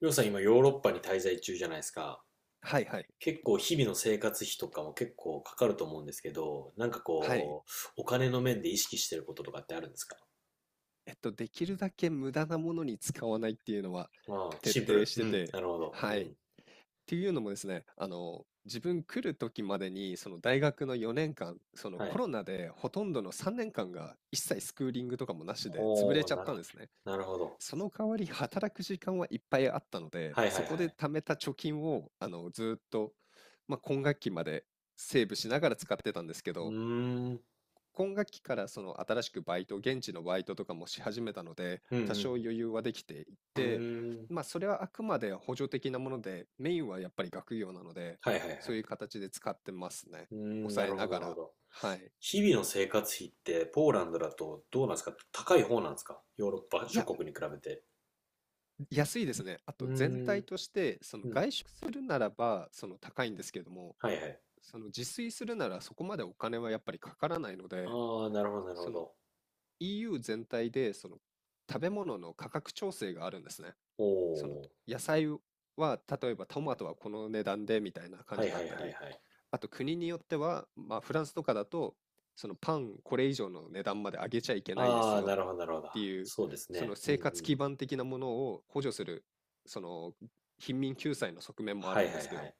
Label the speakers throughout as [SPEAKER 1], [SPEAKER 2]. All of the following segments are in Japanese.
[SPEAKER 1] りょうさん今ヨーロッパに滞在中じゃないですか。
[SPEAKER 2] はいはい。
[SPEAKER 1] 結構日々の生活費とかも結構かかると思うんですけど、なんか
[SPEAKER 2] はい。
[SPEAKER 1] こう、お金の面で意識してることとかってあるんですか？
[SPEAKER 2] できるだけ無駄なものに使わないっていうのは
[SPEAKER 1] ああ、
[SPEAKER 2] 徹
[SPEAKER 1] シンプ
[SPEAKER 2] 底
[SPEAKER 1] ル。
[SPEAKER 2] し
[SPEAKER 1] う
[SPEAKER 2] て
[SPEAKER 1] ん、
[SPEAKER 2] て、
[SPEAKER 1] なるほど。う
[SPEAKER 2] はい。っ
[SPEAKER 1] ん。
[SPEAKER 2] ていうのもですね、自分来る時までに、その大学の4年間、その
[SPEAKER 1] は
[SPEAKER 2] コ
[SPEAKER 1] い。
[SPEAKER 2] ロナでほとんどの3年間が一切スクーリングとかもなしで潰れ
[SPEAKER 1] ほ
[SPEAKER 2] ち
[SPEAKER 1] う、
[SPEAKER 2] ゃ
[SPEAKER 1] な
[SPEAKER 2] っ
[SPEAKER 1] る
[SPEAKER 2] たん
[SPEAKER 1] ほど。
[SPEAKER 2] ですね。
[SPEAKER 1] なるほど。
[SPEAKER 2] その代わり働く時間はいっぱいあったので、
[SPEAKER 1] はいはい
[SPEAKER 2] そ
[SPEAKER 1] は
[SPEAKER 2] こで
[SPEAKER 1] い。
[SPEAKER 2] 貯めた貯金を、ずーっと、まあ、今学期までセーブしながら使ってたんですけ
[SPEAKER 1] う
[SPEAKER 2] ど、
[SPEAKER 1] ーん。
[SPEAKER 2] 今学期からその新しくバイト、現地のバイトとかもし始めたので、
[SPEAKER 1] うんう
[SPEAKER 2] 多少余
[SPEAKER 1] ん
[SPEAKER 2] 裕はできてい
[SPEAKER 1] うん。う
[SPEAKER 2] て、
[SPEAKER 1] ーん。
[SPEAKER 2] まあそれはあくまで補助的なもので、メインはやっぱり学業なので、
[SPEAKER 1] はいはいは
[SPEAKER 2] そう
[SPEAKER 1] い。
[SPEAKER 2] いう形で使ってますね。
[SPEAKER 1] うーん、な
[SPEAKER 2] 抑え
[SPEAKER 1] るほ
[SPEAKER 2] な
[SPEAKER 1] どな
[SPEAKER 2] が
[SPEAKER 1] るほ
[SPEAKER 2] ら。
[SPEAKER 1] ど。
[SPEAKER 2] はい。
[SPEAKER 1] 日々の生活費ってポーランドだとどうなんですか？高い方なんですか？ヨーロッパ
[SPEAKER 2] い
[SPEAKER 1] 諸
[SPEAKER 2] や、
[SPEAKER 1] 国に比べて。
[SPEAKER 2] 安いですね。あ
[SPEAKER 1] う
[SPEAKER 2] と全
[SPEAKER 1] ー
[SPEAKER 2] 体
[SPEAKER 1] ん。
[SPEAKER 2] として、その
[SPEAKER 1] うん。
[SPEAKER 2] 外食するならば、その高いんですけども、
[SPEAKER 1] はいはい。
[SPEAKER 2] その自炊するならそこまでお金はやっぱりかからないので、
[SPEAKER 1] ああ、なるほど、なる
[SPEAKER 2] そ
[SPEAKER 1] ほ
[SPEAKER 2] の
[SPEAKER 1] ど。
[SPEAKER 2] EU 全体でその食べ物の価格調整があるんですね。
[SPEAKER 1] お
[SPEAKER 2] その
[SPEAKER 1] お。
[SPEAKER 2] 野菜は例えばトマトはこの値段でみたいな感
[SPEAKER 1] はい
[SPEAKER 2] じだ
[SPEAKER 1] はい
[SPEAKER 2] っ
[SPEAKER 1] はい
[SPEAKER 2] た
[SPEAKER 1] は
[SPEAKER 2] り、
[SPEAKER 1] い。
[SPEAKER 2] あと国によっては、まあ、フランスとかだとそのパンこれ以上の値段まで上げちゃいけないで
[SPEAKER 1] あ
[SPEAKER 2] す
[SPEAKER 1] あ、
[SPEAKER 2] よっ
[SPEAKER 1] なるほど、なるほど。
[SPEAKER 2] ていう
[SPEAKER 1] そうです
[SPEAKER 2] その
[SPEAKER 1] ね。うんう
[SPEAKER 2] 生活
[SPEAKER 1] ん。
[SPEAKER 2] 基盤的なものを補助するその貧民救済の側面もあ
[SPEAKER 1] は
[SPEAKER 2] る
[SPEAKER 1] いは
[SPEAKER 2] んです
[SPEAKER 1] い
[SPEAKER 2] け
[SPEAKER 1] は
[SPEAKER 2] ど、
[SPEAKER 1] い。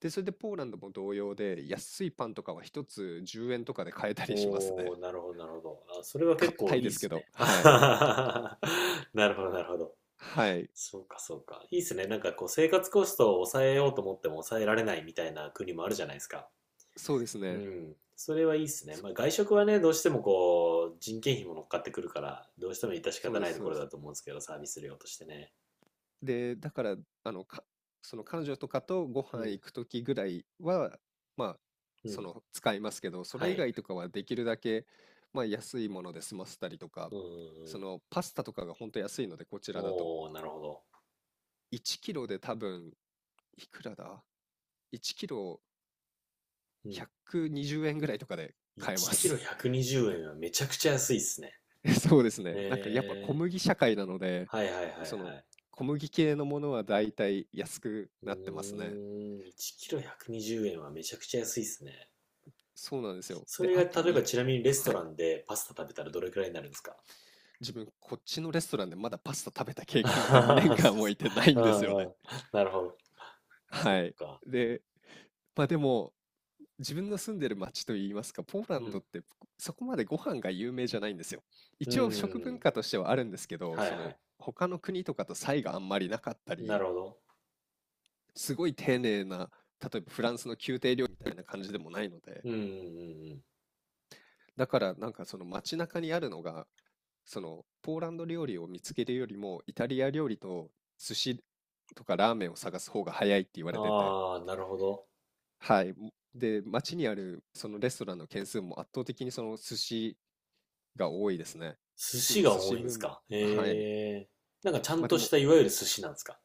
[SPEAKER 2] で、それでポーランドも同様で安いパンとかは一つ10円とかで買えたりします
[SPEAKER 1] お
[SPEAKER 2] ね。
[SPEAKER 1] お、なるほど、なるほど。あ、それは結構
[SPEAKER 2] 硬い
[SPEAKER 1] いい
[SPEAKER 2] で
[SPEAKER 1] で
[SPEAKER 2] すけ
[SPEAKER 1] す
[SPEAKER 2] ど、
[SPEAKER 1] ね。あ
[SPEAKER 2] は
[SPEAKER 1] は
[SPEAKER 2] い。
[SPEAKER 1] ははなるほど、なるほど。
[SPEAKER 2] はい。
[SPEAKER 1] そうか、そうか。いいですね。なんかこう、生活コストを抑えようと思っても抑えられないみたいな国もあるじゃないですか。
[SPEAKER 2] そうです
[SPEAKER 1] う
[SPEAKER 2] ね。
[SPEAKER 1] ん。それはいいですね。
[SPEAKER 2] そ
[SPEAKER 1] まあ、外食はね、どうしてもこう、人件費も乗っかってくるから、どうしても致し
[SPEAKER 2] そう
[SPEAKER 1] 方
[SPEAKER 2] で
[SPEAKER 1] な
[SPEAKER 2] す、
[SPEAKER 1] いと
[SPEAKER 2] そう
[SPEAKER 1] こ
[SPEAKER 2] で
[SPEAKER 1] ろ
[SPEAKER 2] す。
[SPEAKER 1] だと思うんですけど、サービス料としてね。
[SPEAKER 2] で、だから、あの、か、その彼女とかとご
[SPEAKER 1] う
[SPEAKER 2] 飯
[SPEAKER 1] ん、
[SPEAKER 2] 行くときぐらいは、まあ、
[SPEAKER 1] う
[SPEAKER 2] そ
[SPEAKER 1] ん。
[SPEAKER 2] の使いますけど、そ
[SPEAKER 1] は
[SPEAKER 2] れ以
[SPEAKER 1] い。
[SPEAKER 2] 外とかはできるだけ、まあ、安いもので済ませたりとか、
[SPEAKER 1] うんうんう
[SPEAKER 2] そ
[SPEAKER 1] ん。
[SPEAKER 2] のパスタとかが本当安いので、こちらだと。
[SPEAKER 1] おー、なるほど。
[SPEAKER 2] 1キロで多分、いくらだ ?1 キロ
[SPEAKER 1] うん。
[SPEAKER 2] 120円ぐらいとかで買え
[SPEAKER 1] 1
[SPEAKER 2] ま
[SPEAKER 1] キロ
[SPEAKER 2] す。
[SPEAKER 1] 120円はめちゃくちゃ安いっすね。
[SPEAKER 2] そうですね。なんかやっぱ小
[SPEAKER 1] へえ。
[SPEAKER 2] 麦社会なので、
[SPEAKER 1] はいはいはい
[SPEAKER 2] そ
[SPEAKER 1] は
[SPEAKER 2] の
[SPEAKER 1] い。
[SPEAKER 2] 小麦系のものはだいたい安く
[SPEAKER 1] う
[SPEAKER 2] なってますね。
[SPEAKER 1] ーん、1キロ120円はめちゃくちゃ安いっすね。
[SPEAKER 2] そうなんですよ。
[SPEAKER 1] そ
[SPEAKER 2] で、
[SPEAKER 1] れ
[SPEAKER 2] あと
[SPEAKER 1] が、例えば
[SPEAKER 2] に、
[SPEAKER 1] ちなみにレスト
[SPEAKER 2] は
[SPEAKER 1] ラ
[SPEAKER 2] い、
[SPEAKER 1] ンでパスタ食べたらどれくらいになるんですか？
[SPEAKER 2] 自分、こっちのレストランでまだパスタ食べた経
[SPEAKER 1] あ
[SPEAKER 2] 験が
[SPEAKER 1] はは
[SPEAKER 2] 2
[SPEAKER 1] そうっ
[SPEAKER 2] 年間もい
[SPEAKER 1] す
[SPEAKER 2] てな
[SPEAKER 1] か。
[SPEAKER 2] い
[SPEAKER 1] う
[SPEAKER 2] んですよ
[SPEAKER 1] んう
[SPEAKER 2] ね。
[SPEAKER 1] ん。なるほど。そっ
[SPEAKER 2] はい。
[SPEAKER 1] か。
[SPEAKER 2] で、まあでも、自分の住んでる町といいますか、ポーラ
[SPEAKER 1] う
[SPEAKER 2] ンドっ
[SPEAKER 1] ん。
[SPEAKER 2] てそこまでご飯が有名じゃないんですよ。
[SPEAKER 1] う
[SPEAKER 2] 一応食
[SPEAKER 1] ん。
[SPEAKER 2] 文化としてはあるんですけど、
[SPEAKER 1] はい
[SPEAKER 2] そ
[SPEAKER 1] は
[SPEAKER 2] の
[SPEAKER 1] い。
[SPEAKER 2] 他の国とかと差異があんまりなかった
[SPEAKER 1] な
[SPEAKER 2] り、
[SPEAKER 1] るほど。
[SPEAKER 2] すごい丁寧な、例えばフランスの宮廷料理みたいな感じでもないので、
[SPEAKER 1] うんうんうん
[SPEAKER 2] だからなんかその街中にあるのがそのポーランド料理を見つけるよりもイタリア料理と寿司とかラーメンを探す方が早いって言わ
[SPEAKER 1] うん。
[SPEAKER 2] れてて、
[SPEAKER 1] ああ、なるほど。
[SPEAKER 2] はい。で、街にあるそのレストランの件数も圧倒的にその寿司が多いですね。
[SPEAKER 1] 寿司
[SPEAKER 2] 今、寿
[SPEAKER 1] が多
[SPEAKER 2] 司
[SPEAKER 1] いんで
[SPEAKER 2] ブー
[SPEAKER 1] す
[SPEAKER 2] ム。
[SPEAKER 1] か？
[SPEAKER 2] はい。
[SPEAKER 1] ええー、なんかちゃん
[SPEAKER 2] まあで
[SPEAKER 1] とし
[SPEAKER 2] も、
[SPEAKER 1] たいわゆる寿司なんですか？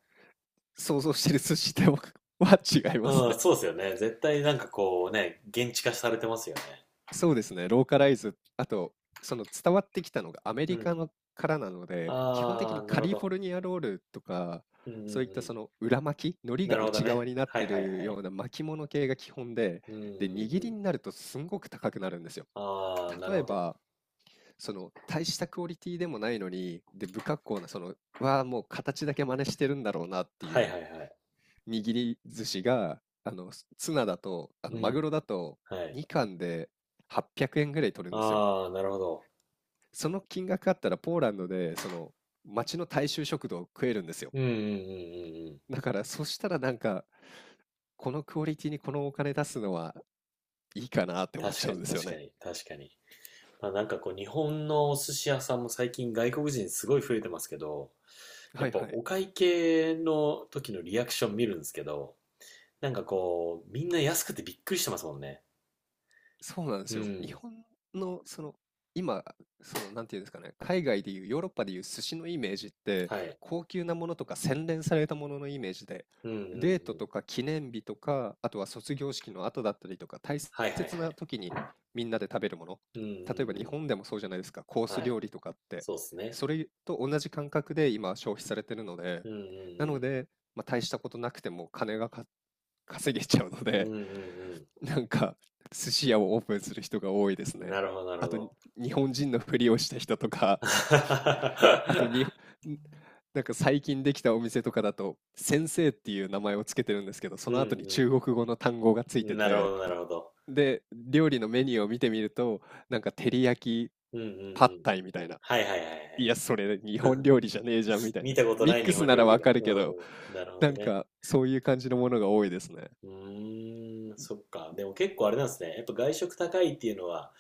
[SPEAKER 2] 想像してる寿司とは 違います
[SPEAKER 1] う
[SPEAKER 2] ね。
[SPEAKER 1] ん、そうですよね。絶対なんかこうね、現地化されてますよね。
[SPEAKER 2] そうですね、ローカライズ、あと、その伝わってきたのがアメ
[SPEAKER 1] う
[SPEAKER 2] リカ
[SPEAKER 1] ん。
[SPEAKER 2] のからなので、基本的
[SPEAKER 1] あ
[SPEAKER 2] に
[SPEAKER 1] あ、な
[SPEAKER 2] カ
[SPEAKER 1] るほ
[SPEAKER 2] リフォ
[SPEAKER 1] ど。
[SPEAKER 2] ルニアロールとか、
[SPEAKER 1] うんう
[SPEAKER 2] そういっ
[SPEAKER 1] ん
[SPEAKER 2] た
[SPEAKER 1] う
[SPEAKER 2] その裏巻き、
[SPEAKER 1] ん。
[SPEAKER 2] 海苔
[SPEAKER 1] な
[SPEAKER 2] が
[SPEAKER 1] るほど
[SPEAKER 2] 内側
[SPEAKER 1] ね。
[SPEAKER 2] になっ
[SPEAKER 1] はい
[SPEAKER 2] て
[SPEAKER 1] はいは
[SPEAKER 2] るよ
[SPEAKER 1] い。
[SPEAKER 2] うな巻物系が基本で、
[SPEAKER 1] うんうん
[SPEAKER 2] で、握
[SPEAKER 1] う
[SPEAKER 2] り
[SPEAKER 1] ん。
[SPEAKER 2] になるとすんごく高くなるんですよ。
[SPEAKER 1] ああ、なる
[SPEAKER 2] 例え
[SPEAKER 1] ほど。
[SPEAKER 2] ば、その大したクオリティでもないのに、で、不格好な、その、わあ、もう形だけ真似してるんだろうなって
[SPEAKER 1] は
[SPEAKER 2] い
[SPEAKER 1] い
[SPEAKER 2] う
[SPEAKER 1] はいはい。
[SPEAKER 2] 握り寿司が、ツナだと、
[SPEAKER 1] う
[SPEAKER 2] マグ
[SPEAKER 1] ん。
[SPEAKER 2] ロだと、
[SPEAKER 1] はい。
[SPEAKER 2] 2貫で800円ぐらい取るんですよ。
[SPEAKER 1] ああ、なるほど。
[SPEAKER 2] その金額あったら、ポーランドで、その、町の大衆食堂を食えるんですよ。
[SPEAKER 1] うんうんうんうんうん。
[SPEAKER 2] だから、そしたらなんか、このクオリティにこのお金出すのはいいかなって思っ
[SPEAKER 1] 確
[SPEAKER 2] ちゃ
[SPEAKER 1] か
[SPEAKER 2] うん
[SPEAKER 1] に
[SPEAKER 2] ですよ
[SPEAKER 1] 確か
[SPEAKER 2] ね。
[SPEAKER 1] に確かに。まあなんかこう日本のお寿司屋さんも最近外国人すごい増えてますけど、や
[SPEAKER 2] は
[SPEAKER 1] っ
[SPEAKER 2] い
[SPEAKER 1] ぱ
[SPEAKER 2] はい。
[SPEAKER 1] お会計の時のリアクション見るんですけど、なんかこう、みんな安くてびっくりしてますもんね。
[SPEAKER 2] そうなんで
[SPEAKER 1] う
[SPEAKER 2] すよ。日
[SPEAKER 1] ん。
[SPEAKER 2] 本のその今そのなんていうんですかね、海外でいうヨーロッパでいう寿司のイメージって
[SPEAKER 1] はい。
[SPEAKER 2] 高級なものとか洗練されたもののイメージで、
[SPEAKER 1] うんうんう
[SPEAKER 2] デート
[SPEAKER 1] ん。
[SPEAKER 2] とか記念日とかあとは卒業式の後だったりとか大
[SPEAKER 1] はいはいは
[SPEAKER 2] 切な
[SPEAKER 1] い。
[SPEAKER 2] 時にみんなで食べるもの、
[SPEAKER 1] うんうん
[SPEAKER 2] 例えば日
[SPEAKER 1] うん。
[SPEAKER 2] 本でもそうじゃないですか、コース
[SPEAKER 1] はい。
[SPEAKER 2] 料理とかって、
[SPEAKER 1] そうっすね。
[SPEAKER 2] それと同じ感覚で今消費されてるので、
[SPEAKER 1] うんう
[SPEAKER 2] なの
[SPEAKER 1] ん
[SPEAKER 2] で、まあ、大したことなくても金が稼げちゃうの
[SPEAKER 1] うん。
[SPEAKER 2] で、
[SPEAKER 1] うんうん
[SPEAKER 2] なんか寿司屋をオープンする人が多いです
[SPEAKER 1] うん。な
[SPEAKER 2] ね。
[SPEAKER 1] るほどなるほ
[SPEAKER 2] あと
[SPEAKER 1] ど。
[SPEAKER 2] に日本人のふりをした人とか、あとに、なんか最近できたお店とかだと、先生っていう名前をつけてるんですけど、そ
[SPEAKER 1] う
[SPEAKER 2] の後に中
[SPEAKER 1] ん
[SPEAKER 2] 国語の単語がつ
[SPEAKER 1] う
[SPEAKER 2] いて
[SPEAKER 1] ん。なるほ
[SPEAKER 2] て、
[SPEAKER 1] どなるほど。
[SPEAKER 2] で、料理のメニューを見てみると、なんか照り焼き、
[SPEAKER 1] うんうん
[SPEAKER 2] パッ
[SPEAKER 1] うん。
[SPEAKER 2] タイみたいな。
[SPEAKER 1] はいはいはいは
[SPEAKER 2] い
[SPEAKER 1] い。
[SPEAKER 2] や、それ日本 料理じゃねえじゃんみたい
[SPEAKER 1] 見
[SPEAKER 2] な。
[SPEAKER 1] たこと
[SPEAKER 2] ミ
[SPEAKER 1] な
[SPEAKER 2] ッ
[SPEAKER 1] い
[SPEAKER 2] ク
[SPEAKER 1] 日
[SPEAKER 2] ス
[SPEAKER 1] 本
[SPEAKER 2] なら
[SPEAKER 1] 料
[SPEAKER 2] わ
[SPEAKER 1] 理が。
[SPEAKER 2] かるけど、
[SPEAKER 1] うん。なるほ
[SPEAKER 2] な
[SPEAKER 1] ど
[SPEAKER 2] ん
[SPEAKER 1] ね。
[SPEAKER 2] かそういう感じのものが多いですね。
[SPEAKER 1] うーん、そっか。でも結構あれなんですね。やっぱ外食高いっていうのは、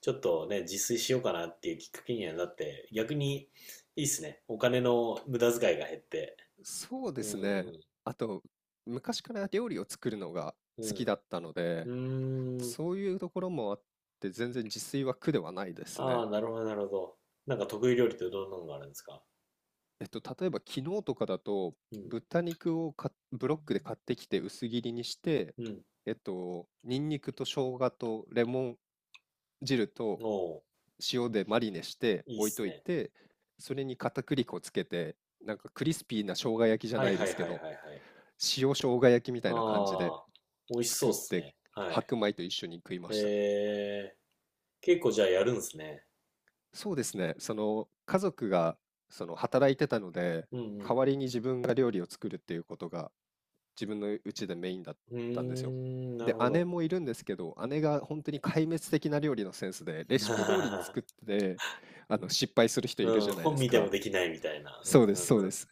[SPEAKER 1] ちょっとね、自炊しようかなっていうきっかけにはなって、逆にいいっすね。お金の無駄遣いが減って。
[SPEAKER 2] そうで
[SPEAKER 1] う
[SPEAKER 2] すね。
[SPEAKER 1] ん
[SPEAKER 2] あと、昔から料理を作るのが
[SPEAKER 1] う
[SPEAKER 2] 好き
[SPEAKER 1] ん。
[SPEAKER 2] だったので、
[SPEAKER 1] うん。うーん。
[SPEAKER 2] そういうところもあって、全然自炊は苦ではないです
[SPEAKER 1] あ
[SPEAKER 2] ね。
[SPEAKER 1] あ、なるほど、なるほど。なんか得意料理ってどんなのがあるんですか？
[SPEAKER 2] 例えば昨日とかだと、
[SPEAKER 1] うん。
[SPEAKER 2] 豚肉をブロックで買ってきて薄切りにして、
[SPEAKER 1] うん。
[SPEAKER 2] ニンニクと生姜とレモン汁と
[SPEAKER 1] おお、
[SPEAKER 2] 塩でマリネして
[SPEAKER 1] いいっ
[SPEAKER 2] 置い
[SPEAKER 1] す
[SPEAKER 2] とい
[SPEAKER 1] ね。
[SPEAKER 2] て、それに片栗粉つけて、なんかクリスピーな生姜焼きじゃ
[SPEAKER 1] は
[SPEAKER 2] な
[SPEAKER 1] い
[SPEAKER 2] い
[SPEAKER 1] は
[SPEAKER 2] で
[SPEAKER 1] いは
[SPEAKER 2] す
[SPEAKER 1] い
[SPEAKER 2] け
[SPEAKER 1] はいは
[SPEAKER 2] ど、
[SPEAKER 1] い。
[SPEAKER 2] 塩生姜焼きみたいな感じで
[SPEAKER 1] ああ、美味しそ
[SPEAKER 2] 作
[SPEAKER 1] うっ
[SPEAKER 2] っ
[SPEAKER 1] す
[SPEAKER 2] て
[SPEAKER 1] ね。はい。
[SPEAKER 2] 白米と一緒に食いました。
[SPEAKER 1] えー、結構じゃあやるんですね。
[SPEAKER 2] そうですね。その家族がその働いてたので、
[SPEAKER 1] うんう
[SPEAKER 2] 代
[SPEAKER 1] ん。
[SPEAKER 2] わりに自分が料理を作るっていうことが自分の家でメインだっ
[SPEAKER 1] うー
[SPEAKER 2] たんですよ。
[SPEAKER 1] ん、なる
[SPEAKER 2] で、
[SPEAKER 1] ほ
[SPEAKER 2] 姉
[SPEAKER 1] ど。
[SPEAKER 2] もいるんですけど、姉が本当に壊滅的な料理のセンスで、レ シピ通りに
[SPEAKER 1] あ
[SPEAKER 2] 作って、あの失敗する人いる
[SPEAKER 1] ーう
[SPEAKER 2] じ
[SPEAKER 1] ん、
[SPEAKER 2] ゃないで
[SPEAKER 1] 本
[SPEAKER 2] す
[SPEAKER 1] 見ても
[SPEAKER 2] か。
[SPEAKER 1] できないみたいな。
[SPEAKER 2] そうですそ
[SPEAKER 1] う
[SPEAKER 2] う
[SPEAKER 1] んう
[SPEAKER 2] で
[SPEAKER 1] ん
[SPEAKER 2] す。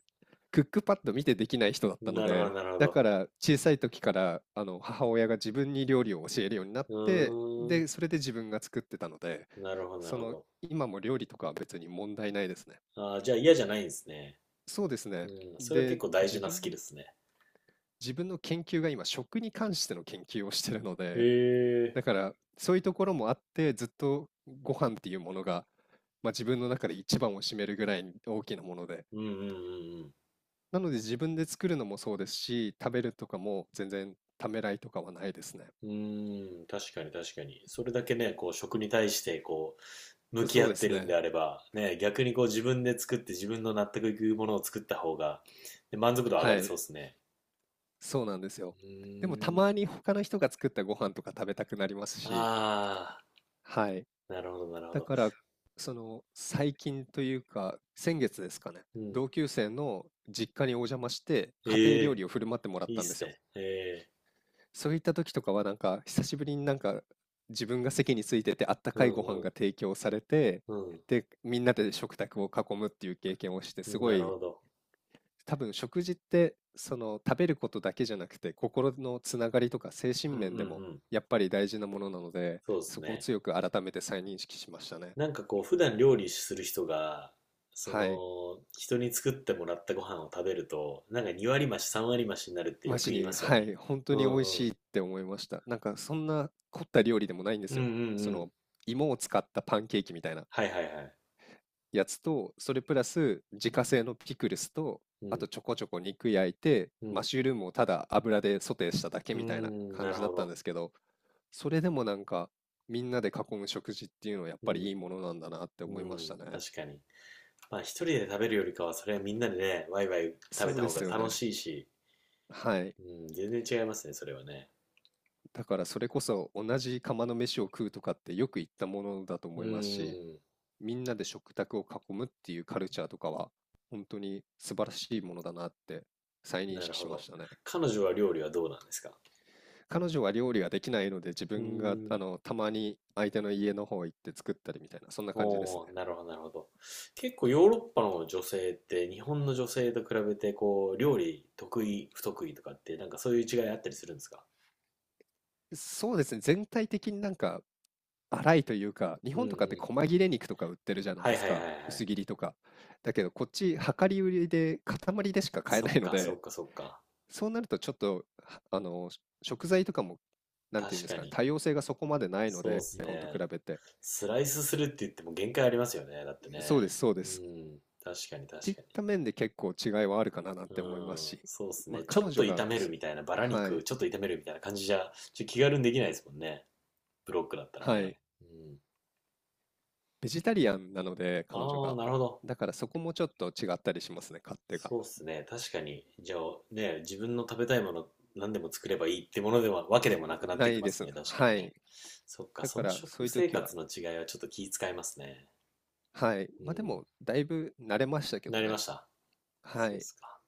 [SPEAKER 2] クックパッド見てできない人だっ
[SPEAKER 1] う
[SPEAKER 2] た
[SPEAKER 1] ん。
[SPEAKER 2] の
[SPEAKER 1] なるほど、
[SPEAKER 2] で、
[SPEAKER 1] なるほ
[SPEAKER 2] だ
[SPEAKER 1] ど。
[SPEAKER 2] から小さい時からあの母親が自分に料理を教えるようになっ
[SPEAKER 1] う
[SPEAKER 2] て、
[SPEAKER 1] ー
[SPEAKER 2] で、それで自分が作ってたので、
[SPEAKER 1] ん。なるほど、な
[SPEAKER 2] そ
[SPEAKER 1] るほ
[SPEAKER 2] の
[SPEAKER 1] ど。
[SPEAKER 2] 今も料理とかは別に問題ないですね。
[SPEAKER 1] ああ、じゃあ嫌じゃないんですね。
[SPEAKER 2] そうです
[SPEAKER 1] う
[SPEAKER 2] ね。
[SPEAKER 1] ん。それは
[SPEAKER 2] で、
[SPEAKER 1] 結構大事なスキルですね。
[SPEAKER 2] 自分の研究が今食に関しての研究をしてるので、
[SPEAKER 1] へえ。
[SPEAKER 2] だからそういうところもあってずっとご飯っていうものが、まあ、自分の中で一番を占めるぐらい大きなもので、
[SPEAKER 1] うんうんうんうん。
[SPEAKER 2] なので自分で作るのもそうですし、食べるとかも全然ためらいとかはないですね。
[SPEAKER 1] うーん、確かに確かに。それだけね、こう、食に対して、こう、向き
[SPEAKER 2] そ
[SPEAKER 1] 合
[SPEAKER 2] うで
[SPEAKER 1] って
[SPEAKER 2] す
[SPEAKER 1] るんで
[SPEAKER 2] ね。
[SPEAKER 1] あれば、ね、逆にこう、自分で作って自分の納得いくものを作った方が、で満足度上が
[SPEAKER 2] は
[SPEAKER 1] り
[SPEAKER 2] い。
[SPEAKER 1] そうですね。
[SPEAKER 2] そうなんですよ。
[SPEAKER 1] う
[SPEAKER 2] でもた
[SPEAKER 1] ーん。
[SPEAKER 2] まに他の人が作ったご飯とか食べたくなりますし、
[SPEAKER 1] あ
[SPEAKER 2] はい。
[SPEAKER 1] あ、なるほど、なるほ
[SPEAKER 2] だ
[SPEAKER 1] ど。
[SPEAKER 2] から、その最近というか、先月ですかね、
[SPEAKER 1] うん。
[SPEAKER 2] 同級生の実家にお邪魔して家庭
[SPEAKER 1] え
[SPEAKER 2] 料
[SPEAKER 1] え、
[SPEAKER 2] 理を振る舞ってもらっ
[SPEAKER 1] いいっ
[SPEAKER 2] たんで
[SPEAKER 1] す
[SPEAKER 2] すよ。
[SPEAKER 1] ね。へえ。
[SPEAKER 2] そういった時とかはなんか久しぶりに、なんか自分が席についててあった
[SPEAKER 1] う
[SPEAKER 2] かいご飯が
[SPEAKER 1] ん
[SPEAKER 2] 提供されて、
[SPEAKER 1] うん。
[SPEAKER 2] でみんなで食卓を囲むっていう経験をして
[SPEAKER 1] う
[SPEAKER 2] す
[SPEAKER 1] ん。
[SPEAKER 2] ご
[SPEAKER 1] なる
[SPEAKER 2] い、
[SPEAKER 1] ほど。
[SPEAKER 2] 多分食事ってその食べることだけじゃなくて心のつながりとか精神
[SPEAKER 1] うんう
[SPEAKER 2] 面
[SPEAKER 1] んう
[SPEAKER 2] でも
[SPEAKER 1] ん。
[SPEAKER 2] やっぱり大事なものなので、
[SPEAKER 1] そうです
[SPEAKER 2] そこを
[SPEAKER 1] ね。
[SPEAKER 2] 強く改めて再認識しましたね。
[SPEAKER 1] なんかこう、普段料理する人が、そ
[SPEAKER 2] はい。
[SPEAKER 1] の、人に作ってもらったご飯を食べると、なんか2割増し、3割増しになるってよ
[SPEAKER 2] マ
[SPEAKER 1] く
[SPEAKER 2] ジ
[SPEAKER 1] 言いま
[SPEAKER 2] に、
[SPEAKER 1] すよ
[SPEAKER 2] は
[SPEAKER 1] ね。
[SPEAKER 2] い、本当
[SPEAKER 1] う
[SPEAKER 2] に美味
[SPEAKER 1] んうん。
[SPEAKER 2] しいって思いました。なんかそんな凝った料理でもないんで
[SPEAKER 1] うん
[SPEAKER 2] す
[SPEAKER 1] うん
[SPEAKER 2] よ。
[SPEAKER 1] う
[SPEAKER 2] そ
[SPEAKER 1] ん。
[SPEAKER 2] の芋を使ったパンケーキみたいな。
[SPEAKER 1] はいはいはい。
[SPEAKER 2] やつと、それプラス自家製のピクルスと、
[SPEAKER 1] う
[SPEAKER 2] あと
[SPEAKER 1] ん。
[SPEAKER 2] ちょこちょこ肉焼いて、
[SPEAKER 1] う
[SPEAKER 2] マッ
[SPEAKER 1] ん。
[SPEAKER 2] シュルームをただ油でソテーしただけ
[SPEAKER 1] うー
[SPEAKER 2] みたいな
[SPEAKER 1] ん、
[SPEAKER 2] 感
[SPEAKER 1] なる
[SPEAKER 2] じだっ
[SPEAKER 1] ほ
[SPEAKER 2] たん
[SPEAKER 1] ど。
[SPEAKER 2] ですけど、それでもなんかみんなで囲む食事っていうのはやっ
[SPEAKER 1] う
[SPEAKER 2] ぱりい
[SPEAKER 1] ん。
[SPEAKER 2] いものなんだなって
[SPEAKER 1] う
[SPEAKER 2] 思いまし
[SPEAKER 1] ん。
[SPEAKER 2] たね。
[SPEAKER 1] 確かに。まあ一人で食べるよりかは、それはみんなでね、ワイワイ食
[SPEAKER 2] そ
[SPEAKER 1] べ
[SPEAKER 2] う
[SPEAKER 1] た
[SPEAKER 2] で
[SPEAKER 1] 方が
[SPEAKER 2] すよ
[SPEAKER 1] 楽
[SPEAKER 2] ね。
[SPEAKER 1] しいし、
[SPEAKER 2] はい。
[SPEAKER 1] うん、全然違いますね、それはね。
[SPEAKER 2] だからそれこそ同じ釜の飯を食うとかってよく言ったものだと
[SPEAKER 1] う
[SPEAKER 2] 思いますし、
[SPEAKER 1] ん。
[SPEAKER 2] みんなで食卓を囲むっていうカルチャーとかは本当に素晴らしいものだなって再認
[SPEAKER 1] なる
[SPEAKER 2] 識
[SPEAKER 1] ほ
[SPEAKER 2] しま
[SPEAKER 1] ど。
[SPEAKER 2] したね。
[SPEAKER 1] 彼女は料理はどうなんですか？
[SPEAKER 2] 彼女は料理ができないので自
[SPEAKER 1] う
[SPEAKER 2] 分が
[SPEAKER 1] ー
[SPEAKER 2] あ
[SPEAKER 1] ん。
[SPEAKER 2] のたまに相手の家の方行って作ったりみたいなそんな感じですね。
[SPEAKER 1] おー、なるほど、なるほど。結構ヨーロッパの女性って日本の女性と比べてこう料理得意不得意とかってなんかそういう違いあったりするんですか？
[SPEAKER 2] そうですね、全体的になんか粗いというか、日
[SPEAKER 1] うん
[SPEAKER 2] 本
[SPEAKER 1] う
[SPEAKER 2] とかって
[SPEAKER 1] ん。
[SPEAKER 2] 細切れ肉とか売ってるじゃない
[SPEAKER 1] は
[SPEAKER 2] で
[SPEAKER 1] いは
[SPEAKER 2] す
[SPEAKER 1] いはい
[SPEAKER 2] か、
[SPEAKER 1] は
[SPEAKER 2] 薄
[SPEAKER 1] い。
[SPEAKER 2] 切りとか。だけどこっち量り売りで塊でしか買え
[SPEAKER 1] そ
[SPEAKER 2] な
[SPEAKER 1] っ
[SPEAKER 2] いの
[SPEAKER 1] かそ
[SPEAKER 2] で、
[SPEAKER 1] っかそっか。
[SPEAKER 2] そうなるとちょっとはあの食材とかもなんていうん
[SPEAKER 1] 確
[SPEAKER 2] です
[SPEAKER 1] か
[SPEAKER 2] かね、
[SPEAKER 1] に。
[SPEAKER 2] 多様性がそこまでないの
[SPEAKER 1] そうっ
[SPEAKER 2] で
[SPEAKER 1] す
[SPEAKER 2] 日本と比
[SPEAKER 1] ね。
[SPEAKER 2] べて。
[SPEAKER 1] スライスするって言っても限界ありますよね。だって
[SPEAKER 2] そうで
[SPEAKER 1] ね。
[SPEAKER 2] すそうで
[SPEAKER 1] う
[SPEAKER 2] す。
[SPEAKER 1] ん。確か
[SPEAKER 2] っ
[SPEAKER 1] に
[SPEAKER 2] てい
[SPEAKER 1] 確
[SPEAKER 2] っ
[SPEAKER 1] かに。
[SPEAKER 2] た面で結構違いはあるかななん
[SPEAKER 1] う
[SPEAKER 2] て思います
[SPEAKER 1] ん、
[SPEAKER 2] し、
[SPEAKER 1] そうっす
[SPEAKER 2] まあ、
[SPEAKER 1] ね。ちょ
[SPEAKER 2] 彼
[SPEAKER 1] っと
[SPEAKER 2] 女が
[SPEAKER 1] 炒める
[SPEAKER 2] そ、
[SPEAKER 1] みたいな、バラ
[SPEAKER 2] は
[SPEAKER 1] 肉
[SPEAKER 2] い、
[SPEAKER 1] ちょっと炒めるみたいな感じじゃ、ちょっと気軽にできないですもんね。ブロックだったら
[SPEAKER 2] はい、
[SPEAKER 1] ね。うん。
[SPEAKER 2] ベジタリアンなので、彼女
[SPEAKER 1] ああ、
[SPEAKER 2] が。
[SPEAKER 1] なるほど。
[SPEAKER 2] だからそこもちょっと違ったりしますね、勝手が。
[SPEAKER 1] そうっすね。確かに。じゃあ、ね、自分の食べたいもの何でも作ればいいってものでは、わけでもなくなっ
[SPEAKER 2] な
[SPEAKER 1] てき
[SPEAKER 2] い
[SPEAKER 1] ま
[SPEAKER 2] で
[SPEAKER 1] す
[SPEAKER 2] すね、
[SPEAKER 1] ね。確かに
[SPEAKER 2] は
[SPEAKER 1] ね。
[SPEAKER 2] い。
[SPEAKER 1] そっか、
[SPEAKER 2] だ
[SPEAKER 1] そ
[SPEAKER 2] か
[SPEAKER 1] の
[SPEAKER 2] らそ
[SPEAKER 1] 食
[SPEAKER 2] ういう
[SPEAKER 1] 生
[SPEAKER 2] 時は、
[SPEAKER 1] 活の違いはちょっと気遣いますね。
[SPEAKER 2] はい。
[SPEAKER 1] う
[SPEAKER 2] まあで
[SPEAKER 1] ん。
[SPEAKER 2] も、だいぶ慣れましたけ
[SPEAKER 1] な
[SPEAKER 2] ど
[SPEAKER 1] りま
[SPEAKER 2] ね。
[SPEAKER 1] した。
[SPEAKER 2] は
[SPEAKER 1] そうっ
[SPEAKER 2] い。
[SPEAKER 1] すか。